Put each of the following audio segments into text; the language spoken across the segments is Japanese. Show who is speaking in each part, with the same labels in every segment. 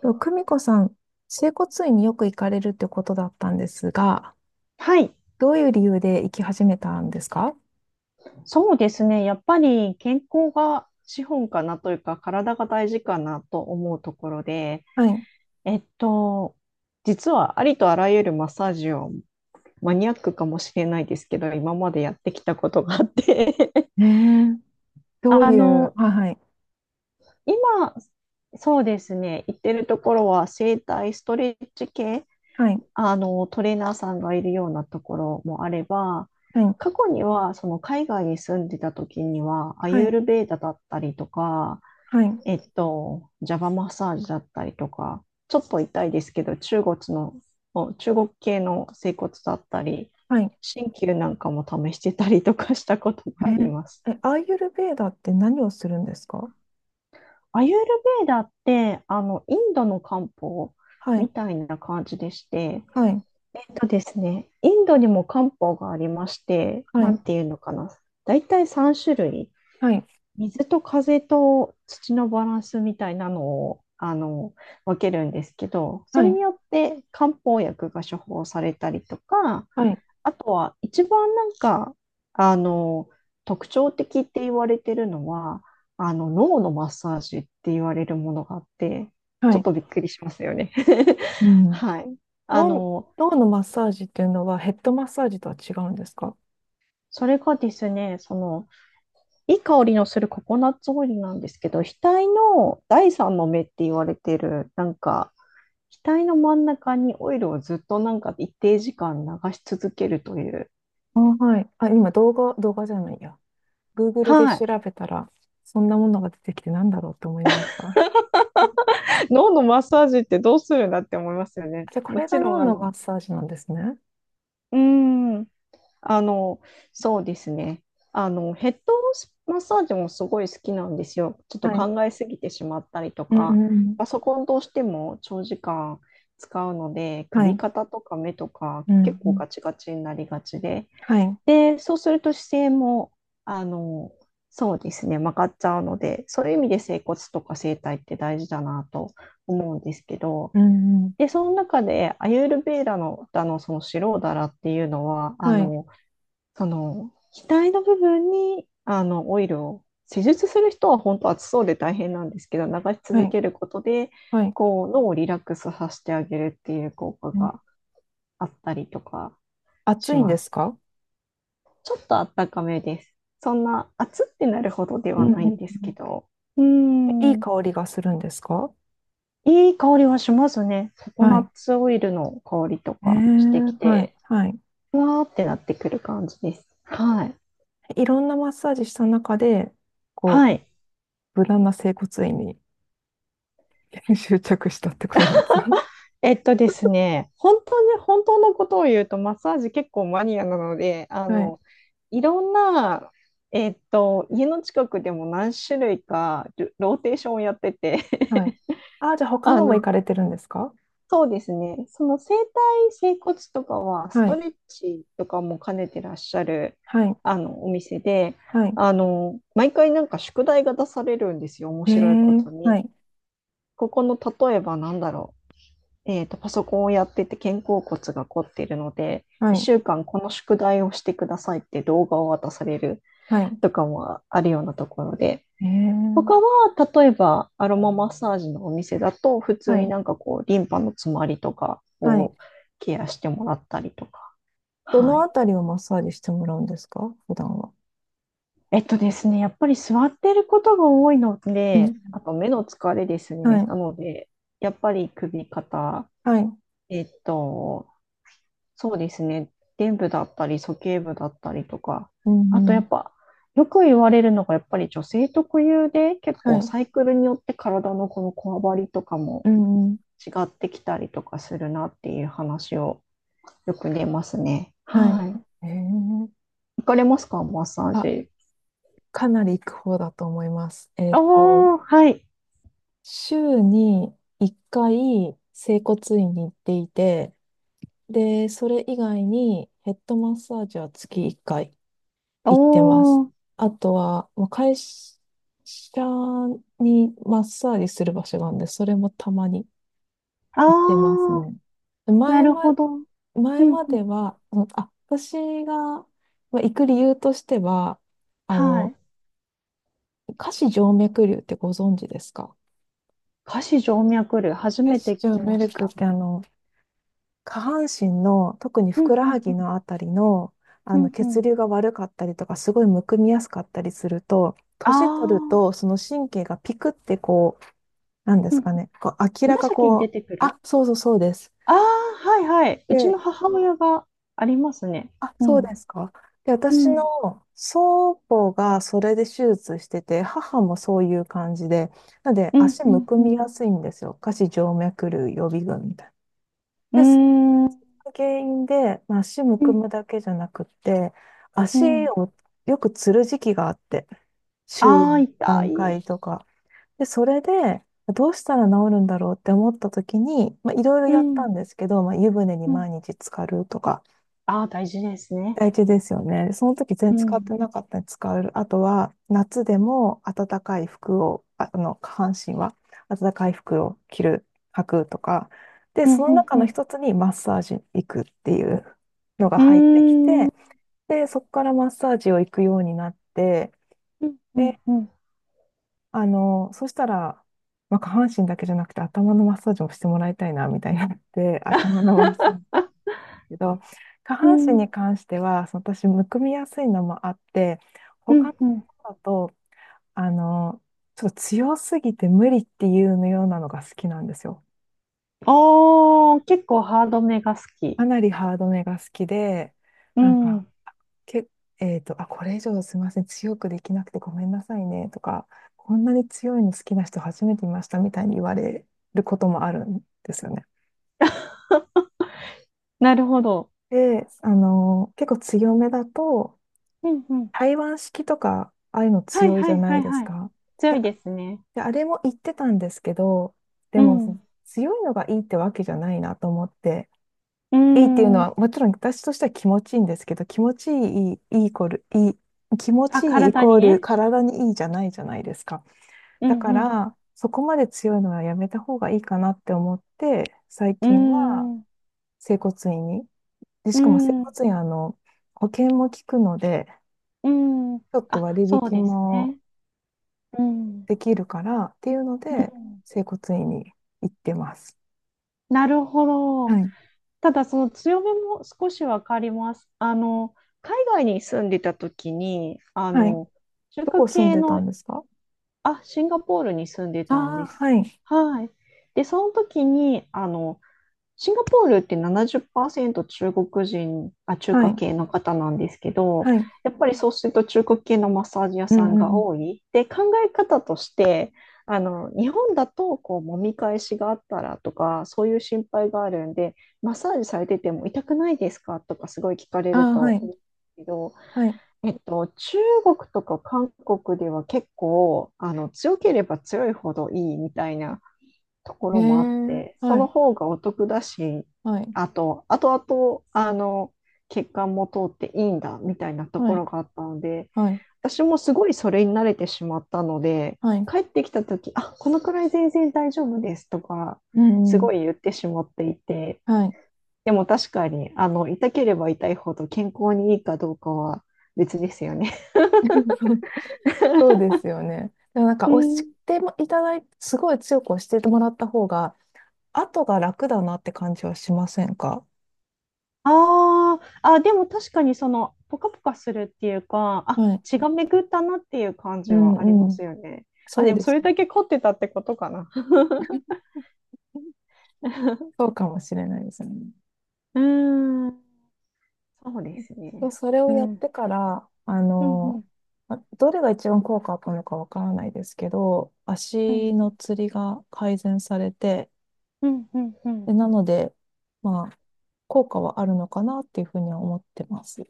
Speaker 1: と、久美子さん、整骨院によく行かれるってことだったんですが、
Speaker 2: はい、
Speaker 1: どういう理由で行き始めたんですか？
Speaker 2: そうですね。やっぱり健康が資本かなというか、体が大事かなと思うところで、
Speaker 1: はい。
Speaker 2: えっと、実はありとあらゆるマッサージを、マニアックかもしれないですけど、今までやってきたことがあって。
Speaker 1: ええ、どう
Speaker 2: あ
Speaker 1: いう、
Speaker 2: の、
Speaker 1: はい。
Speaker 2: 今、そうですね、行ってるところは整体ストレッチ系、
Speaker 1: はい、
Speaker 2: トレーナーさんがいるようなところもあれば、
Speaker 1: はい、
Speaker 2: 過去には、その海外に住んでた時には、ア
Speaker 1: はい、
Speaker 2: ユー
Speaker 1: はい、
Speaker 2: ルベーダだったりとか、
Speaker 1: はい、
Speaker 2: ジャバマッサージだったりとか、ちょっと痛いですけど、中国の、中国系の整骨だったり、
Speaker 1: はい。
Speaker 2: 鍼灸なんかも試してたりとかしたこと
Speaker 1: え
Speaker 2: があり
Speaker 1: ー、
Speaker 2: ます。
Speaker 1: え、アーユルヴェーダって何をするんですか？
Speaker 2: アユールベーダって、インドの漢方
Speaker 1: は
Speaker 2: み
Speaker 1: い、
Speaker 2: たいな感じでして、
Speaker 1: はい、
Speaker 2: とですね、インドにも漢方がありまして、
Speaker 1: は
Speaker 2: なん
Speaker 1: い、
Speaker 2: ていうのかな。だいたい3種類。
Speaker 1: はい、
Speaker 2: 水と風と土のバランスみたいなのを、分けるんですけど、そ
Speaker 1: は
Speaker 2: れ
Speaker 1: い、
Speaker 2: によって漢方薬が処方されたりとか、
Speaker 1: はい、
Speaker 2: あとは一番なんか、あの、特徴的って言われてるのは、脳のマッサージって言われるものがあって、ち
Speaker 1: は
Speaker 2: ょっ
Speaker 1: い。
Speaker 2: とびっくりしますよね。
Speaker 1: う ん。
Speaker 2: はい。あ
Speaker 1: 脳、
Speaker 2: の、
Speaker 1: 脳のマッサージっていうのはヘッドマッサージとは違うんですか？
Speaker 2: それがですね、いい香りのするココナッツオイルなんですけど、額の第三の目って言われてる、なんか、額の真ん中にオイルをずっとなんか一定時間流し続けるという。
Speaker 1: あ、はい。あ、今動画、動画じゃないや。Google で
Speaker 2: は
Speaker 1: 調
Speaker 2: い。
Speaker 1: べたら、そんなものが出てきてなんだろうと思いました。
Speaker 2: 脳のマッサージってどうするんだって思いますよね。
Speaker 1: じゃあ、こ
Speaker 2: も
Speaker 1: れ
Speaker 2: ち
Speaker 1: が
Speaker 2: ろ
Speaker 1: 脳
Speaker 2: ん、
Speaker 1: のマッサージなんですね。
Speaker 2: うーん、あの、そうですね。ヘッドマッサージもすごい好きなんですよ。ちょっと
Speaker 1: はい。
Speaker 2: 考えすぎてしまったりと
Speaker 1: うんう
Speaker 2: か、
Speaker 1: んうん。
Speaker 2: パソコンどうしても長時間使うので、
Speaker 1: は
Speaker 2: 首
Speaker 1: い。
Speaker 2: 肩とか目とか
Speaker 1: う
Speaker 2: 結
Speaker 1: んう
Speaker 2: 構
Speaker 1: ん。
Speaker 2: ガチガチになりがちで、
Speaker 1: はい。
Speaker 2: で、そうすると姿勢も、あの、そうですね、曲がっちゃうので、そういう意味で整骨とか整体って大事だなと思うんですけど、
Speaker 1: うんうん。
Speaker 2: で、その中でアユールヴェーダの、そのシローダラっていうのは、
Speaker 1: はい。
Speaker 2: その、額の部分に、オイルを、施術する人は本当暑そうで大変なんですけど、流し
Speaker 1: は
Speaker 2: 続
Speaker 1: い。
Speaker 2: けることで、
Speaker 1: はい。
Speaker 2: こう、脳をリラックスさせてあげるっていう効果
Speaker 1: うん。
Speaker 2: があったりとか
Speaker 1: 暑
Speaker 2: し
Speaker 1: いん
Speaker 2: ま
Speaker 1: で
Speaker 2: す。
Speaker 1: すか？
Speaker 2: ちょっとあったかめです。そんな暑ってなるほどで
Speaker 1: うん
Speaker 2: は
Speaker 1: うん
Speaker 2: ない
Speaker 1: う
Speaker 2: ん
Speaker 1: ん。
Speaker 2: ですけど、うー
Speaker 1: いい
Speaker 2: ん。
Speaker 1: 香りがするんですか？
Speaker 2: いい香りはしますね。ココ
Speaker 1: は
Speaker 2: ナ
Speaker 1: い。
Speaker 2: ッツオイルの香りと
Speaker 1: え
Speaker 2: かしてき
Speaker 1: ー、はい。
Speaker 2: て、
Speaker 1: はい。
Speaker 2: ふわーってなってくる感じです。はい。
Speaker 1: いろんなマッサージした中で、こ
Speaker 2: は
Speaker 1: う、
Speaker 2: い。
Speaker 1: 無難な整骨院に 執着したってことなんですか？
Speaker 2: えっとですね、本当に、本当のことを言うと、マッサージ結構マニアなので、
Speaker 1: はい。
Speaker 2: いろんな、家の近くでも何種類かルローテーションをやってて、
Speaker 1: はい。ああ、じゃあ他
Speaker 2: あ
Speaker 1: のも行
Speaker 2: の、
Speaker 1: かれてるんですか？
Speaker 2: そうですね、その整体、整骨とかは、ス
Speaker 1: は
Speaker 2: ト
Speaker 1: い。
Speaker 2: レッチとかも兼ねてらっしゃる、
Speaker 1: はい。
Speaker 2: お店で、
Speaker 1: はい。
Speaker 2: 毎回なんか宿題が出されるんですよ、面
Speaker 1: へ
Speaker 2: 白いこ
Speaker 1: え、
Speaker 2: と
Speaker 1: は
Speaker 2: に。
Speaker 1: い、
Speaker 2: ここの、例えばなんだろう。パソコンをやってて肩甲骨が凝っているので、
Speaker 1: はい、
Speaker 2: 1週間この宿題をしてくださいって動画を渡される
Speaker 1: はい。
Speaker 2: とかもあるようなところで、
Speaker 1: へえ、
Speaker 2: 他は例えばアロママッサージのお店だと、普通
Speaker 1: は
Speaker 2: に
Speaker 1: い、
Speaker 2: なんかこう、リンパの詰まりとか
Speaker 1: はい。
Speaker 2: をケアしてもらったりとか。
Speaker 1: ど
Speaker 2: は
Speaker 1: の
Speaker 2: い。
Speaker 1: あたりをマッサージしてもらうんですか、普段は？
Speaker 2: えっとですね、やっぱり座ってることが多いの
Speaker 1: う
Speaker 2: で、
Speaker 1: ん、
Speaker 2: あと目の疲れです
Speaker 1: は
Speaker 2: ね。な
Speaker 1: い、
Speaker 2: ので、やっぱり首、肩、
Speaker 1: はい、
Speaker 2: えっと、そうですね。伝部だったり、鼠径部だったりとか、
Speaker 1: う
Speaker 2: あと
Speaker 1: ん、う
Speaker 2: や
Speaker 1: ん、
Speaker 2: っぱ、よく言われるのが、やっぱり女性特有で、結
Speaker 1: は
Speaker 2: 構
Speaker 1: い、
Speaker 2: サイクルによって体のこのこわばりとかも
Speaker 1: うん、うん、
Speaker 2: 違ってきたりとかするなっていう話をよく出ますね。
Speaker 1: はい。
Speaker 2: はい。
Speaker 1: へえ、
Speaker 2: 行かれますか、マッサー
Speaker 1: あ、
Speaker 2: ジ。
Speaker 1: かなり行く方だと思います。えっと、
Speaker 2: おー、はい。
Speaker 1: 週に1回、整骨院に行っていて、で、それ以外にヘッドマッサージは月1回。
Speaker 2: お
Speaker 1: 行ってます。
Speaker 2: ー、
Speaker 1: あとは、まあ、会社にマッサージする場所があるんで、それもたまに
Speaker 2: あ
Speaker 1: 行ってます
Speaker 2: ー、
Speaker 1: ね。で
Speaker 2: な
Speaker 1: 前
Speaker 2: る
Speaker 1: ま、
Speaker 2: ほど。うんう
Speaker 1: 前
Speaker 2: ん。
Speaker 1: までは、その、あ、私が、まあ行く理由としては、あ
Speaker 2: は
Speaker 1: の、
Speaker 2: い。
Speaker 1: 下肢静脈瘤ってご存知ですか？
Speaker 2: 下肢静脈瘤、初
Speaker 1: え、
Speaker 2: めて聞
Speaker 1: じゃ
Speaker 2: き
Speaker 1: 脈メ
Speaker 2: ま
Speaker 1: ル
Speaker 2: し
Speaker 1: クっ
Speaker 2: た。
Speaker 1: てあの、下半身の、特に
Speaker 2: う
Speaker 1: ふ
Speaker 2: ん
Speaker 1: くら
Speaker 2: う
Speaker 1: は
Speaker 2: んう
Speaker 1: ぎ
Speaker 2: ん
Speaker 1: のあたりの、あ
Speaker 2: う
Speaker 1: の
Speaker 2: んう
Speaker 1: 血
Speaker 2: ん。
Speaker 1: 流が悪かったりとか、すごいむくみやすかったりすると、
Speaker 2: あ
Speaker 1: 年取る
Speaker 2: ー、
Speaker 1: と、その神経がピクってこう、なんで
Speaker 2: うん
Speaker 1: す
Speaker 2: うん、
Speaker 1: かね、こう明らか
Speaker 2: 紫に
Speaker 1: こ
Speaker 2: 出
Speaker 1: う、
Speaker 2: てく
Speaker 1: あ、
Speaker 2: る。
Speaker 1: そうそうそうです。
Speaker 2: ああー、はい。はい。うち
Speaker 1: で、
Speaker 2: の母親がありますね。
Speaker 1: あ、
Speaker 2: う
Speaker 1: そうで
Speaker 2: ん。
Speaker 1: すか。で、
Speaker 2: う
Speaker 1: 私
Speaker 2: ん。
Speaker 1: の祖母がそれで手術してて、母もそういう感じで、なので
Speaker 2: うん。
Speaker 1: 足
Speaker 2: う
Speaker 1: む
Speaker 2: ん。
Speaker 1: くみ
Speaker 2: う
Speaker 1: やすいんですよ。下肢静脈瘤予備軍みたいな。で、
Speaker 2: ん。うーん。
Speaker 1: 原因で、まあ、足む
Speaker 2: う
Speaker 1: く
Speaker 2: ん。
Speaker 1: むだけじゃなくって、
Speaker 2: う
Speaker 1: 足
Speaker 2: ん。
Speaker 1: をよくつる時期があって、週
Speaker 2: ああー、痛
Speaker 1: 何回
Speaker 2: い。
Speaker 1: とか。で、それで、どうしたら治るんだろうって思った時に、まあ、いろいろ
Speaker 2: う
Speaker 1: やった
Speaker 2: ん。
Speaker 1: んですけど、まあ、湯船に
Speaker 2: うん。
Speaker 1: 毎日浸かるとか、
Speaker 2: ああ、大事ですね。
Speaker 1: 大事ですよね。その時全
Speaker 2: う
Speaker 1: 然使って
Speaker 2: ん。
Speaker 1: なかったら使う。あとは、夏でも暖かい服を、下半身は暖かい服を着る、履くとか。で、
Speaker 2: う
Speaker 1: そ
Speaker 2: ん。
Speaker 1: の
Speaker 2: うん。
Speaker 1: 中の
Speaker 2: う
Speaker 1: 一つにマッサージ行くっていう
Speaker 2: ん。
Speaker 1: のが
Speaker 2: う
Speaker 1: 入ってき
Speaker 2: ーん。
Speaker 1: て、で、そこからマッサージを行くようになって、
Speaker 2: うん。うん。
Speaker 1: で、
Speaker 2: うん。
Speaker 1: あの、そしたら、まあ、下半身だけじゃなくて頭のマッサージもしてもらいたいな、みたいになって、頭のマッサージ。けど、下
Speaker 2: う
Speaker 1: 半身
Speaker 2: ん。
Speaker 1: に関しては、その私、むくみやすいのもあって、
Speaker 2: う
Speaker 1: 他の
Speaker 2: んうん。
Speaker 1: 方だと、あの、ちょっと強すぎて無理っていうようなのが好きなんですよ。
Speaker 2: おー、結構ハードめが好き。
Speaker 1: かなりハードめが好きで、
Speaker 2: う
Speaker 1: なんか、
Speaker 2: ん。
Speaker 1: け、えっと、あ、これ以上すいません、強くできなくてごめんなさいねとか、こんなに強いの好きな人初めて見ましたみたいに言われることもあるんですよね。
Speaker 2: なるほど。
Speaker 1: で、あの、結構強めだと、
Speaker 2: うんうん。
Speaker 1: 台湾式とか、ああいうの
Speaker 2: はい
Speaker 1: 強いじ
Speaker 2: は
Speaker 1: ゃ
Speaker 2: い
Speaker 1: な
Speaker 2: は
Speaker 1: い
Speaker 2: い
Speaker 1: です
Speaker 2: はい。
Speaker 1: か。
Speaker 2: 強
Speaker 1: で、
Speaker 2: いですね。
Speaker 1: で、あれも言ってたんですけど、
Speaker 2: う
Speaker 1: でも、
Speaker 2: ん。
Speaker 1: 強いのがいいってわけじゃないなと思って、
Speaker 2: う
Speaker 1: いいっていうの
Speaker 2: ん。
Speaker 1: は、もちろん私としては気持ちいいんですけど、気持ちいい、いいイコール、いい、気持
Speaker 2: あ、
Speaker 1: ちいいイ
Speaker 2: 体
Speaker 1: コ
Speaker 2: に
Speaker 1: ール
Speaker 2: ね。
Speaker 1: 体にいいじゃないじゃないですか。
Speaker 2: う
Speaker 1: だ
Speaker 2: ん
Speaker 1: か
Speaker 2: うん。
Speaker 1: ら、そこまで強いのはやめた方がいいかなって思って、最
Speaker 2: うー
Speaker 1: 近は
Speaker 2: ん。う
Speaker 1: 整骨院に、で、
Speaker 2: ー
Speaker 1: しかも整
Speaker 2: ん。う
Speaker 1: 骨院、あの、保険も効くので、
Speaker 2: ーん。
Speaker 1: ちょっと
Speaker 2: あ、
Speaker 1: 割
Speaker 2: そう
Speaker 1: 引
Speaker 2: です
Speaker 1: も
Speaker 2: ね。うん。
Speaker 1: できるからっていうの
Speaker 2: う
Speaker 1: で、
Speaker 2: ん。
Speaker 1: 整骨院に行ってます。
Speaker 2: なるほ
Speaker 1: は
Speaker 2: ど。
Speaker 1: い。
Speaker 2: ただ、その強めも少しわかります。海外に住んでた時に、
Speaker 1: はい。
Speaker 2: 中
Speaker 1: ど
Speaker 2: 華
Speaker 1: こ住ん
Speaker 2: 系
Speaker 1: でたん
Speaker 2: の、
Speaker 1: ですか？
Speaker 2: あ、シンガポールに住んで
Speaker 1: あ
Speaker 2: たんで
Speaker 1: あー、
Speaker 2: す。
Speaker 1: はい。
Speaker 2: はい。で、その時に、シンガポールって70%中国人、あ、中
Speaker 1: は
Speaker 2: 華
Speaker 1: い。
Speaker 2: 系の方なんですけど、
Speaker 1: はい。
Speaker 2: やっぱりそうすると中華系のマッサージ屋
Speaker 1: うん
Speaker 2: さん
Speaker 1: うん
Speaker 2: が
Speaker 1: うん。
Speaker 2: 多い。で、考え方として、日本だとこう揉み返しがあったらとか、そういう心配があるんで、マッサージされてても痛くないですかとかすごい聞かれる
Speaker 1: ああ、は
Speaker 2: と思う
Speaker 1: い。
Speaker 2: んですけど、
Speaker 1: はい。
Speaker 2: 中国とか韓国では結構、強ければ強いほどいいみたいなとこ
Speaker 1: へ
Speaker 2: ろもあっ
Speaker 1: え、
Speaker 2: て、そ
Speaker 1: は
Speaker 2: の
Speaker 1: い。
Speaker 2: 方がお得だし、
Speaker 1: はい。
Speaker 2: あと、あとあと、血管も通っていいんだみたいなと
Speaker 1: は
Speaker 2: ころ
Speaker 1: い。
Speaker 2: があったので、
Speaker 1: はい。
Speaker 2: 私もすごいそれに慣れてしまったので、
Speaker 1: はい。
Speaker 2: 帰ってきた時あ、このくらい全然大丈夫ですとか、
Speaker 1: う
Speaker 2: す
Speaker 1: んう
Speaker 2: ご
Speaker 1: ん。
Speaker 2: い言ってしまっていて、
Speaker 1: はい。
Speaker 2: でも確かに、痛ければ痛いほど健康にいいかどうかは別ですよね。
Speaker 1: そう、そうですよね。でもなん
Speaker 2: う
Speaker 1: か押し
Speaker 2: ん、
Speaker 1: てもいただいて、すごい強く押してもらった方が、後が楽だなって感じはしませんか？
Speaker 2: あーあ、でも確かにその、ポカポカするっていうか、あ、
Speaker 1: はい。
Speaker 2: 血が巡ったなっていう感
Speaker 1: う
Speaker 2: じはありま
Speaker 1: んう
Speaker 2: す
Speaker 1: ん。
Speaker 2: よね。あ、
Speaker 1: そう
Speaker 2: でも
Speaker 1: で
Speaker 2: そ
Speaker 1: す
Speaker 2: れ
Speaker 1: ね。
Speaker 2: だけ凝ってたってことかな。
Speaker 1: そ うかもしれないですね。
Speaker 2: うーん、そうです
Speaker 1: で、
Speaker 2: ね。
Speaker 1: それを
Speaker 2: う
Speaker 1: やっ
Speaker 2: ん、
Speaker 1: てから、あ
Speaker 2: うん、う
Speaker 1: の、
Speaker 2: ん、
Speaker 1: まどれが一番効果あったのかわからないですけど、
Speaker 2: う
Speaker 1: 足
Speaker 2: ん、
Speaker 1: のつりが改善されて、
Speaker 2: うん、うん。う
Speaker 1: で、
Speaker 2: ん。
Speaker 1: なので、まあ、効果はあるのかなっていうふうには思ってます。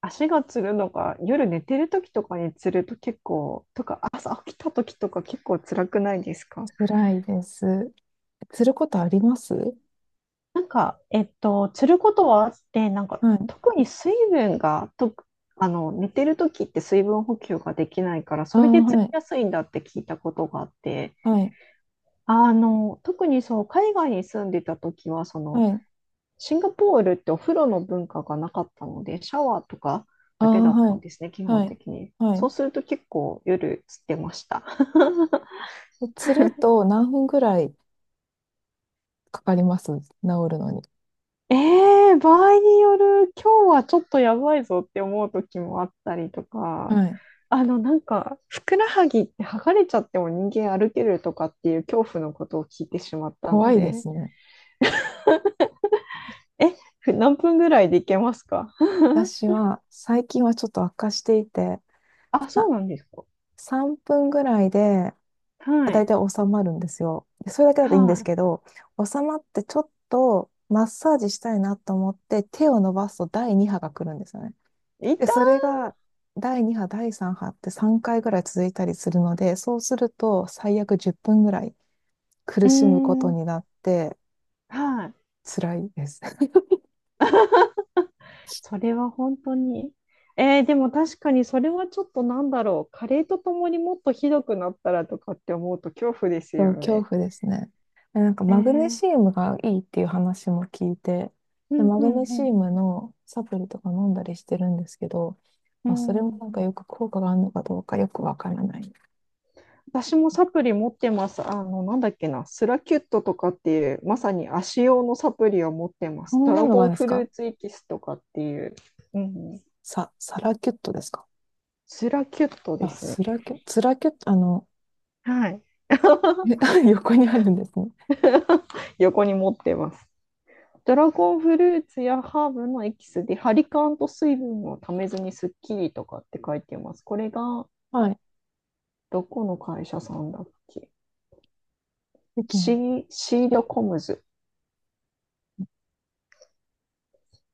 Speaker 2: 足がつるのが夜寝てる時とかにつると結構、とか朝起きた時とか結構辛くないですか？
Speaker 1: 辛いです。つることあります？
Speaker 2: なんか、つることはあって、なんか、
Speaker 1: はい。
Speaker 2: 特に水分が、と、寝てる時って水分補給ができないから、
Speaker 1: あ
Speaker 2: そ
Speaker 1: あ、
Speaker 2: れでつり
Speaker 1: はい。
Speaker 2: やすいんだって聞いたことがあって、
Speaker 1: はい。
Speaker 2: 特にそう、海外に住んでた時は、
Speaker 1: はい。
Speaker 2: シンガポールってお風呂の文化がなかったので、シャワーとか
Speaker 1: あ
Speaker 2: だけ
Speaker 1: あ、
Speaker 2: だっ
Speaker 1: は
Speaker 2: たん
Speaker 1: い。
Speaker 2: ですね、基本
Speaker 1: はい。
Speaker 2: 的に。
Speaker 1: は
Speaker 2: そう
Speaker 1: い。
Speaker 2: すると結構夜つってました。
Speaker 1: つると何分ぐらいかかります、治るのに？
Speaker 2: ええ、場合による、今日はちょっとやばいぞって思う時もあったりとか、
Speaker 1: はい。
Speaker 2: なんか、ふくらはぎって剥がれちゃっても人間歩けるとかっていう恐怖のことを聞いてしまったの
Speaker 1: 怖いで
Speaker 2: で、
Speaker 1: すね。
Speaker 2: え、何分ぐらいでいけますか？
Speaker 1: 私は最近はちょっと悪化していて、
Speaker 2: あ、そ
Speaker 1: あ
Speaker 2: うなんですか。
Speaker 1: 3分ぐらいで、ま
Speaker 2: は
Speaker 1: あだい
Speaker 2: い。
Speaker 1: たい収まるんですよ。でそれだけだといいんです
Speaker 2: は
Speaker 1: けど、収まってちょっとマッサージしたいなと思って手を伸ばすと第2波が来るんですよね。
Speaker 2: い。痛
Speaker 1: で、それ
Speaker 2: い。
Speaker 1: が第2波、第3波って3回ぐらい続いたりするので、そうすると最悪10分ぐらい
Speaker 2: う
Speaker 1: 苦
Speaker 2: ー
Speaker 1: しむこと
Speaker 2: ん。
Speaker 1: になって
Speaker 2: はい。
Speaker 1: 辛いです。
Speaker 2: それは本当に。でも確かにそれはちょっとなんだろう。加齢とともにもっとひどくなったらとかって思うと恐怖です
Speaker 1: そ
Speaker 2: よ
Speaker 1: う、恐
Speaker 2: ね。
Speaker 1: 怖ですね。でなんか
Speaker 2: え
Speaker 1: マグネ
Speaker 2: ー、
Speaker 1: シウムがいいっていう話も聞いて、
Speaker 2: う
Speaker 1: で、
Speaker 2: ん
Speaker 1: マ
Speaker 2: う
Speaker 1: グネ
Speaker 2: ん
Speaker 1: シ
Speaker 2: うん。
Speaker 1: ウムのサプリとか飲んだりしてるんですけど、
Speaker 2: う
Speaker 1: まあ、それも
Speaker 2: ん、
Speaker 1: なんかよく効果があるのかどうかよくわからない。
Speaker 2: 私もサプリ持ってます。なんだっけな、スラキュットとかっていう、まさに足用のサプリを持ってま
Speaker 1: そ
Speaker 2: す。ド
Speaker 1: んな
Speaker 2: ラ
Speaker 1: のがあ
Speaker 2: ゴン
Speaker 1: るんです
Speaker 2: フル
Speaker 1: か？
Speaker 2: ーツエキスとかっていう、うん、
Speaker 1: さ、サラキュットですか？
Speaker 2: スラキュットで
Speaker 1: あ、
Speaker 2: すね。
Speaker 1: スラキュ、ツラキュット、あの、
Speaker 2: はい。
Speaker 1: え 横にあるんですね。
Speaker 2: 横に持ってます。ドラゴンフルーツやハーブのエキスで、ハリカンと水分をためずにスッキリとかって書いてます。これが、
Speaker 1: はい。
Speaker 2: どこの会社さんだっけ。
Speaker 1: できます？
Speaker 2: シードコムズ